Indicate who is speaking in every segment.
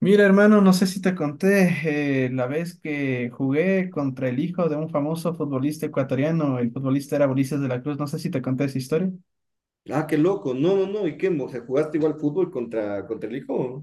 Speaker 1: Mira, hermano, no sé si te conté la vez que jugué contra el hijo de un famoso futbolista ecuatoriano. El futbolista era Ulises de la Cruz, no sé si te conté esa historia.
Speaker 2: Ah, qué loco. No, no, no. ¿Y qué? O sea, ¿jugaste igual fútbol contra, contra el hijo?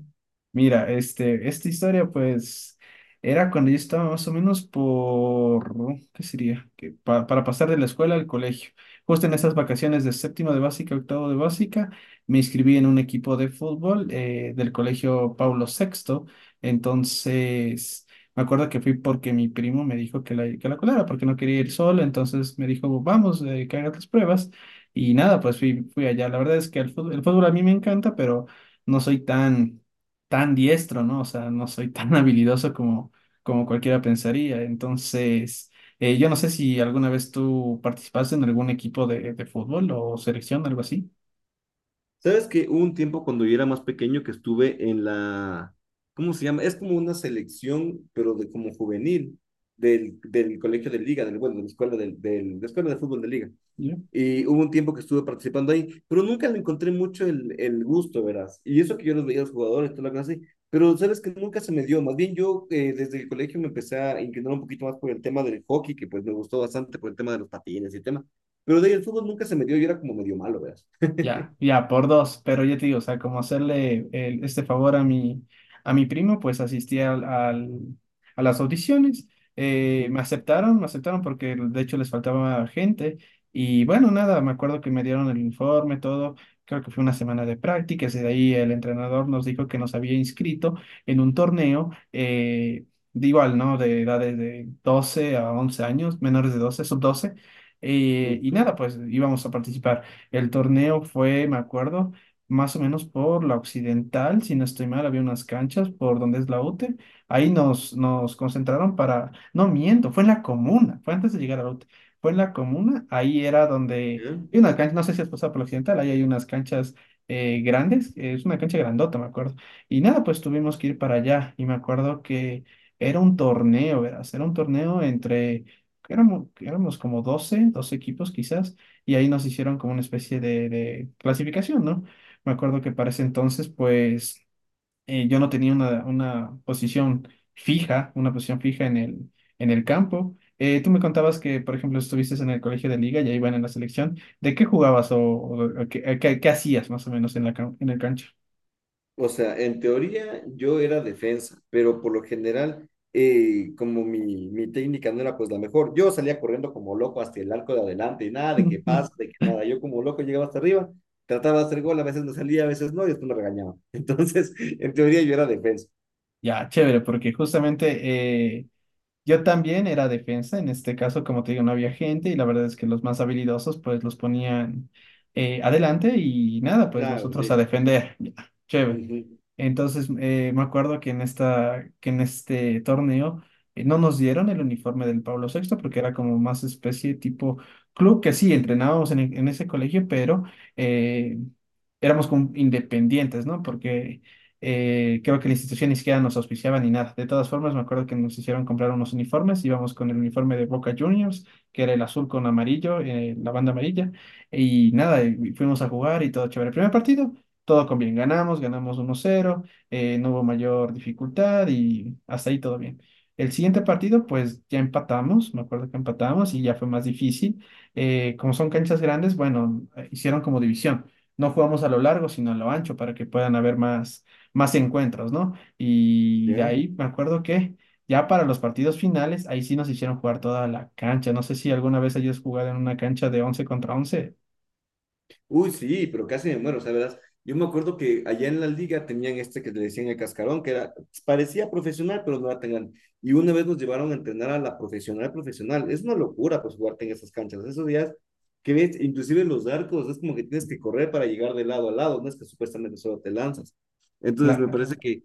Speaker 1: Mira, esta historia pues era cuando yo estaba más o menos por, ¿qué sería? Para pasar de la escuela al colegio. Justo en esas vacaciones de séptimo de básica, octavo de básica, me inscribí en un equipo de fútbol del colegio Paulo Sexto. Entonces, me acuerdo que fui porque mi primo me dijo que la colara, porque no quería ir solo. Entonces me dijo, vamos, que hagas las pruebas. Y nada, pues fui allá. La verdad es que el fútbol a mí me encanta, pero no soy tan diestro, ¿no? O sea, no soy tan habilidoso como, como cualquiera pensaría. Entonces, yo no sé si alguna vez tú participaste en algún equipo de fútbol o selección, algo así.
Speaker 2: ¿Sabes que hubo un tiempo cuando yo era más pequeño que estuve en la, ¿cómo se llama? Es como una selección, pero de como juvenil, del colegio de liga, del, bueno, de la escuela del de la escuela de fútbol de liga. Y hubo un tiempo que estuve participando ahí, pero nunca le encontré mucho el gusto, verás. Y eso que yo los veía a los jugadores, toda la cosa así, pero sabes que nunca se me dio. Más bien yo desde el colegio me empecé a inclinar un poquito más por el tema del hockey, que pues me gustó bastante por el tema de los patines y el tema. Pero de ahí el fútbol nunca se me dio, yo era como medio malo, verás.
Speaker 1: Ya, ya, por dos, pero yo te digo, o sea, como hacerle este favor a a mi primo, pues asistí a las audiciones. Me aceptaron, me aceptaron porque de hecho les faltaba gente y bueno, nada, me acuerdo que me dieron el informe, todo, creo que fue una semana de prácticas y de ahí el entrenador nos dijo que nos había inscrito en un torneo, de igual, ¿no? De edades de 12 a 11 años, menores de 12 sub 12. Y nada, pues íbamos a participar. El torneo fue, me acuerdo, más o menos por la Occidental, si no estoy mal, había unas canchas por donde es la UTE. Nos concentraron para, no miento, fue en la comuna, fue antes de llegar a la UTE, fue en la comuna. Ahí era donde hay unas canchas, no sé si has pasado por la Occidental, ahí hay unas canchas grandes. Es una cancha grandota, me acuerdo. Y nada, pues tuvimos que ir para allá y me acuerdo que era un torneo, verás, era un torneo entre, éramos como 12 12 equipos quizás y ahí nos hicieron como una especie de clasificación, ¿no? Me acuerdo que para ese entonces, pues yo no tenía una posición fija en el campo. Tú me contabas que, por ejemplo, estuviste en el colegio de liga y ahí van en la selección. ¿De qué jugabas o qué, qué hacías más o menos en en el cancha?
Speaker 2: O sea, en teoría yo era defensa, pero por lo general, como mi técnica no era pues la mejor, yo salía corriendo como loco hasta el arco de adelante y nada de que pase, de que nada. Yo como loco llegaba hasta arriba, trataba de hacer gol, a veces no salía, a veces no, y después me regañaba. Entonces, en teoría yo era defensa.
Speaker 1: Ya, chévere, porque justamente eh, yo también era defensa. En este caso, como te digo, no había gente y la verdad es que los más habilidosos pues los ponían adelante y nada, pues
Speaker 2: Claro,
Speaker 1: nosotros a
Speaker 2: listo.
Speaker 1: defender, ya, chévere.
Speaker 2: Ujú,
Speaker 1: Entonces me acuerdo que en que en este torneo no nos dieron el uniforme del Pablo sexto porque era como más especie tipo club, que sí, entrenábamos en ese colegio, pero eh, éramos como independientes, ¿no? Porque creo que la institución ni siquiera nos auspiciaba ni nada. De todas formas, me acuerdo que nos hicieron comprar unos uniformes. Íbamos con el uniforme de Boca Juniors, que era el azul con amarillo, la banda amarilla. Y nada, y fuimos a jugar y todo chévere. El primer partido, todo con bien. Ganamos, ganamos 1-0. No hubo mayor dificultad y hasta ahí todo bien. El siguiente partido, pues ya empatamos, me acuerdo que empatamos y ya fue más difícil. Como son canchas grandes, bueno, hicieron como división. No jugamos a lo largo, sino a lo ancho para que puedan haber más encuentros, ¿no? Y de
Speaker 2: ya.
Speaker 1: ahí me acuerdo que ya para los partidos finales, ahí sí nos hicieron jugar toda la cancha. No sé si alguna vez hayas jugado en una cancha de 11 contra 11.
Speaker 2: Uy, sí, pero casi me muero, o sea, verás, yo me acuerdo que allá en la liga tenían este que le decían el cascarón, que era, parecía profesional, pero no era tan grande. Y una vez nos llevaron a entrenar a la profesional profesional. Es una locura, pues, jugarte en esas canchas. Esos días que ves, inclusive los arcos, es como que tienes que correr para llegar de lado a lado, no es que supuestamente solo te lanzas. Entonces, me parece que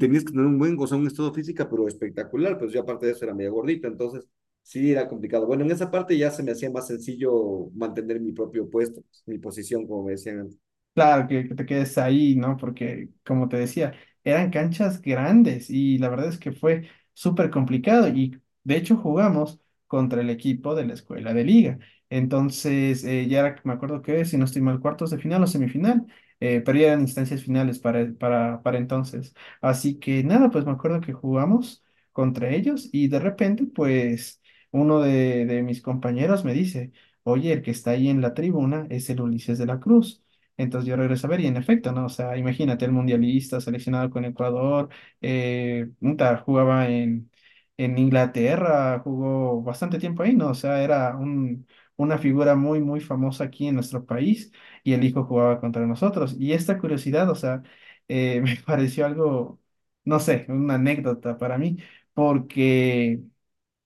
Speaker 2: tenías que tener un buen, o sea, un estado física, pero espectacular, pues yo aparte de eso era medio gordita, entonces sí, era complicado. Bueno, en esa parte ya se me hacía más sencillo mantener mi propio puesto, mi posición, como me decían antes.
Speaker 1: Claro, que te quedes ahí, ¿no? Porque, como te decía, eran canchas grandes y la verdad es que fue súper complicado y de hecho jugamos contra el equipo de la escuela de liga. Entonces, me acuerdo que, si no estoy mal, cuartos de final o semifinal, pero ya eran instancias finales para entonces. Así que nada, pues me acuerdo que jugamos contra ellos y de repente, pues, uno de mis compañeros me dice, oye, el que está ahí en la tribuna es el Ulises de la Cruz. Entonces yo regreso a ver y en efecto, ¿no? O sea, imagínate el mundialista seleccionado con Ecuador, puta, jugaba en Inglaterra, jugó bastante tiempo ahí, ¿no? O sea, era un, una figura muy famosa aquí en nuestro país y el hijo jugaba contra nosotros. Y esta curiosidad, o sea, me pareció algo, no sé, una anécdota para mí, porque...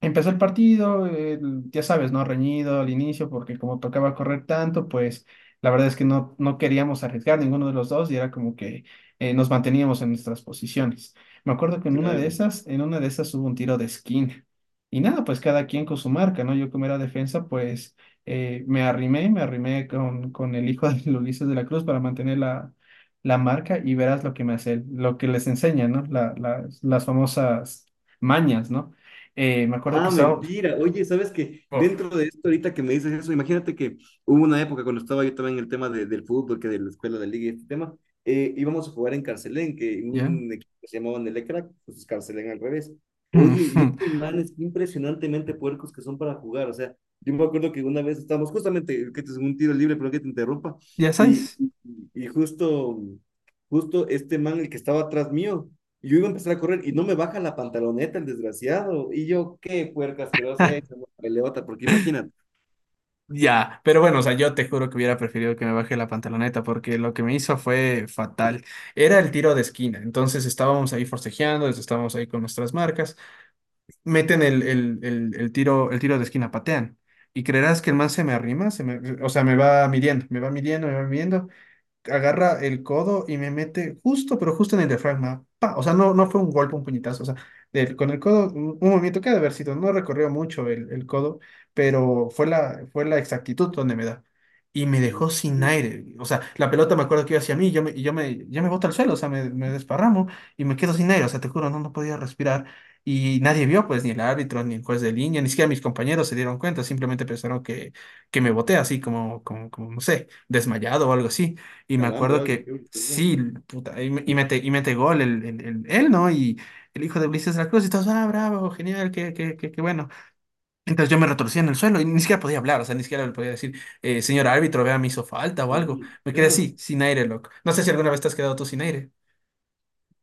Speaker 1: Empezó el partido, ya sabes, ¿no? Reñido al inicio, porque como tocaba correr tanto, pues la verdad es que no queríamos arriesgar ninguno de los dos y era como que nos manteníamos en nuestras posiciones. Me acuerdo que en una de
Speaker 2: Claro.
Speaker 1: esas, en una de esas hubo un tiro de esquina. Y nada, pues cada quien con su marca, ¿no? Yo como era defensa, pues me arrimé con el hijo de Ulises de la Cruz para mantener la marca y verás lo que me hace él, lo que les enseña, ¿no? Las famosas mañas, ¿no? Me acuerdo que
Speaker 2: Ah,
Speaker 1: estaba...
Speaker 2: mentira. Oye, ¿sabes qué?
Speaker 1: Uf,
Speaker 2: Dentro de esto, ahorita que me dices eso, imagínate que hubo una época cuando estaba yo también en el tema del fútbol, que de la escuela de liga y este tema, íbamos a jugar en Carcelén, que
Speaker 1: ¿ya?
Speaker 2: un equipo que se llamaba Nelecrac, pues es Carcelén al revés. Oye, y estos manes impresionantemente puercos que son para jugar. O sea, yo me acuerdo que una vez estábamos justamente, que te un tiro libre, pero que te interrumpa,
Speaker 1: ¿Ya
Speaker 2: y,
Speaker 1: sabes?
Speaker 2: y, y justo, justo este man, el que estaba atrás mío y yo iba a empezar a correr y no me baja la pantaloneta el desgraciado. Y yo, qué puerca asquerosa es, una peleota, porque imagínate,
Speaker 1: Ya, pero bueno, o sea, yo te juro que hubiera preferido que me baje la pantaloneta porque lo que me hizo fue fatal. Era el tiro de esquina, entonces estábamos ahí forcejeando, estábamos ahí con nuestras marcas, meten el tiro de esquina, patean. Y creerás que el man se me arrima, o sea, me va midiendo. Agarra el codo y me mete justo, pero justo en el diafragma. ¡Pa! O sea, no fue un golpe, un puñetazo. O sea, con el codo, un movimiento que ha de haber sido, no recorrió mucho el codo, pero fue fue la exactitud donde me da. Y me
Speaker 2: un
Speaker 1: dejó sin aire. O sea, la pelota me acuerdo que iba hacia mí y yo me boto al suelo, o sea, me desparramo y me quedo sin aire. O sea, te juro, no podía respirar. Y nadie vio, pues, ni el árbitro, ni el juez de línea, ni siquiera mis compañeros se dieron cuenta, simplemente pensaron que me boté así como, no sé, desmayado o algo así. Y me
Speaker 2: calambre,
Speaker 1: acuerdo
Speaker 2: ¿vale?
Speaker 1: que
Speaker 2: Qué brutalidad.
Speaker 1: sí, puta, y mete gol el- él, ¿no? Y el hijo de Ulises de la Cruz, y todos, ah, bravo, genial, qué bueno. Entonces yo me retorcía en el suelo y ni siquiera podía hablar, o sea, ni siquiera le podía decir, señor árbitro, vea, me hizo falta o algo.
Speaker 2: Ujú.
Speaker 1: Me quedé
Speaker 2: Claro,
Speaker 1: así, sin aire, loco. No sé si alguna vez te has quedado tú sin aire.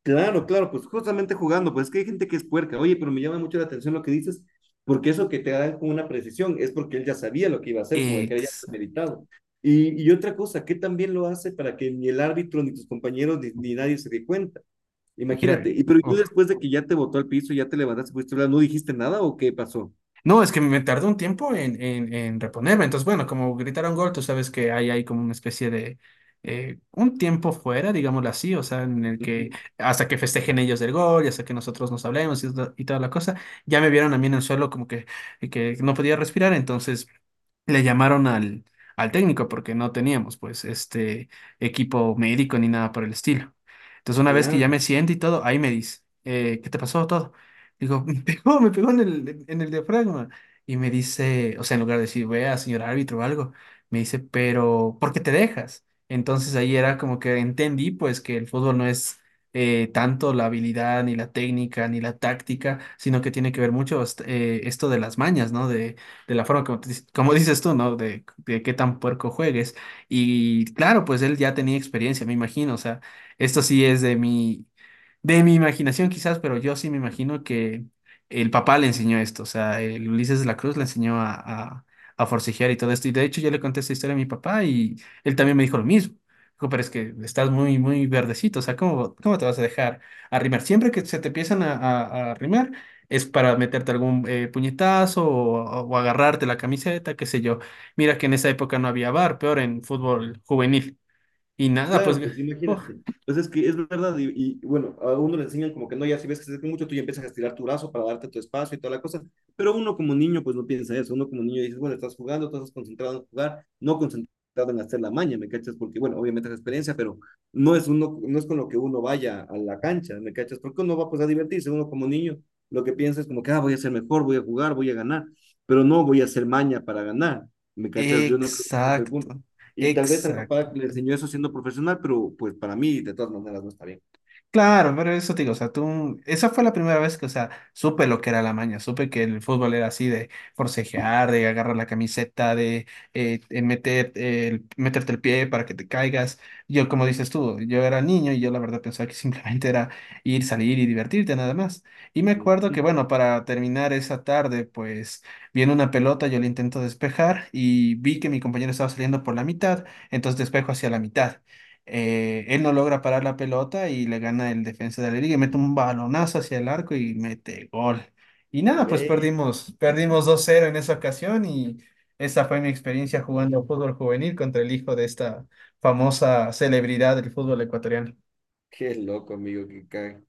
Speaker 2: claro, claro, pues justamente jugando, pues es que hay gente que es puerca. Oye, pero me llama mucho la atención lo que dices, porque eso que te dan con una precisión es porque él ya sabía lo que iba a hacer, como que era ya
Speaker 1: Ex-
Speaker 2: premeditado. Y otra cosa, que también lo hace para que ni el árbitro, ni tus compañeros, ni nadie se dé cuenta. Imagínate,
Speaker 1: Mira,
Speaker 2: y pero ¿y tú
Speaker 1: uf.
Speaker 2: después de que ya te botó al piso, ya te levantaste, fuiste a hablar, no dijiste nada o qué pasó?
Speaker 1: No, es que me tardó un tiempo en reponerme. Entonces, bueno, como gritaron gol, tú sabes que hay como una especie de un tiempo fuera, digámoslo así, o sea, en el que
Speaker 2: Ujú.
Speaker 1: hasta que festejen ellos del gol, y hasta que nosotros nos hablemos y toda la cosa, ya me vieron a mí en el suelo como que no podía respirar, entonces le llamaron al técnico porque no teníamos pues este equipo médico ni nada por el estilo. Entonces una vez que ya
Speaker 2: Claro.
Speaker 1: me siento y todo, ahí me dice, ¿qué te pasó todo? Digo, me pegó en el diafragma. Y me dice, o sea, en lugar de decir, vea, señor árbitro o algo, me dice, pero, ¿por qué te dejas? Entonces ahí era como que entendí pues que el fútbol no es tanto la habilidad, ni la técnica, ni la táctica, sino que tiene que ver mucho este, esto de las mañas, ¿no? De la forma como, como dices tú, ¿no? De qué tan puerco juegues. Y claro, pues él ya tenía experiencia, me imagino. O sea, esto sí es de mi imaginación quizás, pero yo sí me imagino que el papá le enseñó esto, o sea, el Ulises de la Cruz le enseñó a forcejear y todo esto. Y de hecho yo le conté esta historia a mi papá y él también me dijo lo mismo. Dijo, pero es que estás muy, muy verdecito, o sea, ¿cómo, cómo te vas a dejar arrimar? Siempre que se te empiezan a arrimar es para meterte algún puñetazo o agarrarte la camiseta, qué sé yo. Mira que en esa época no había bar, peor en fútbol juvenil. Y nada, pues...
Speaker 2: Claro, pues
Speaker 1: uf.
Speaker 2: imagínate. Pues es que es verdad, bueno, a uno le enseñan como que no, ya si ves que se acerca mucho, tú ya empiezas a estirar tu brazo para darte tu espacio y toda la cosa, pero uno como niño pues no piensa eso, uno como niño dices, bueno, estás jugando, tú estás concentrado en jugar, no concentrado en hacer la maña, ¿me cachas? Porque bueno, obviamente es experiencia, pero no es, uno, no es con lo que uno vaya a la cancha, ¿me cachas? Porque uno va pues a divertirse, uno como niño lo que piensa es como que, ah, voy a ser mejor, voy a jugar, voy a ganar, pero no voy a hacer maña para ganar, ¿me cachas? Yo no creo que ese fue el punto.
Speaker 1: Exacto,
Speaker 2: Y tal vez al
Speaker 1: exacto.
Speaker 2: papá le enseñó eso siendo profesional, pero pues para mí de todas maneras no está bien.
Speaker 1: Claro, pero eso te digo, o sea, tú, esa fue la primera vez que, o sea, supe lo que era la maña, supe que el fútbol era así de forcejear, de agarrar la camiseta, de meterte el pie para que te caigas. Yo, como dices tú, yo era niño y yo la verdad pensaba que simplemente era ir, salir y divertirte nada más. Y me acuerdo
Speaker 2: Ujú.
Speaker 1: que, bueno, para terminar esa tarde, pues viene una pelota, yo la intento despejar y vi que mi compañero estaba saliendo por la mitad, entonces despejo hacia la mitad. Él no logra parar la pelota y le gana el defensa de la liga y mete un balonazo hacia el arco y mete gol. Y nada, pues
Speaker 2: Ve,
Speaker 1: perdimos, perdimos 2-0 en esa ocasión y esa fue mi experiencia jugando fútbol juvenil contra el hijo de esta famosa celebridad del fútbol ecuatoriano.
Speaker 2: qué loco, amigo, que cae.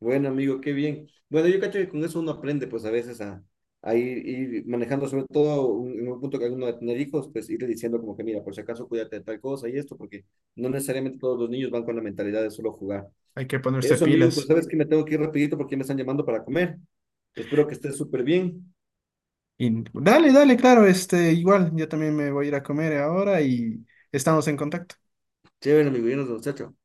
Speaker 2: Bueno, amigo, qué bien. Bueno, yo cacho que con eso uno aprende pues a veces a, a ir manejando, sobre todo en un punto que alguno de tener hijos, pues irle diciendo como que mira, por si acaso cuídate de tal cosa y esto, porque no necesariamente todos los niños van con la mentalidad de solo jugar.
Speaker 1: Hay que ponerse
Speaker 2: Eso, amigo, pues
Speaker 1: pilas.
Speaker 2: sabes que me tengo que ir rapidito porque me están llamando para comer. Espero que estés súper bien.
Speaker 1: Y dale, dale, claro, este, igual, yo también me voy a ir a comer ahora y estamos en contacto.
Speaker 2: Chévere, amigo, y nos vemos, chao, chao.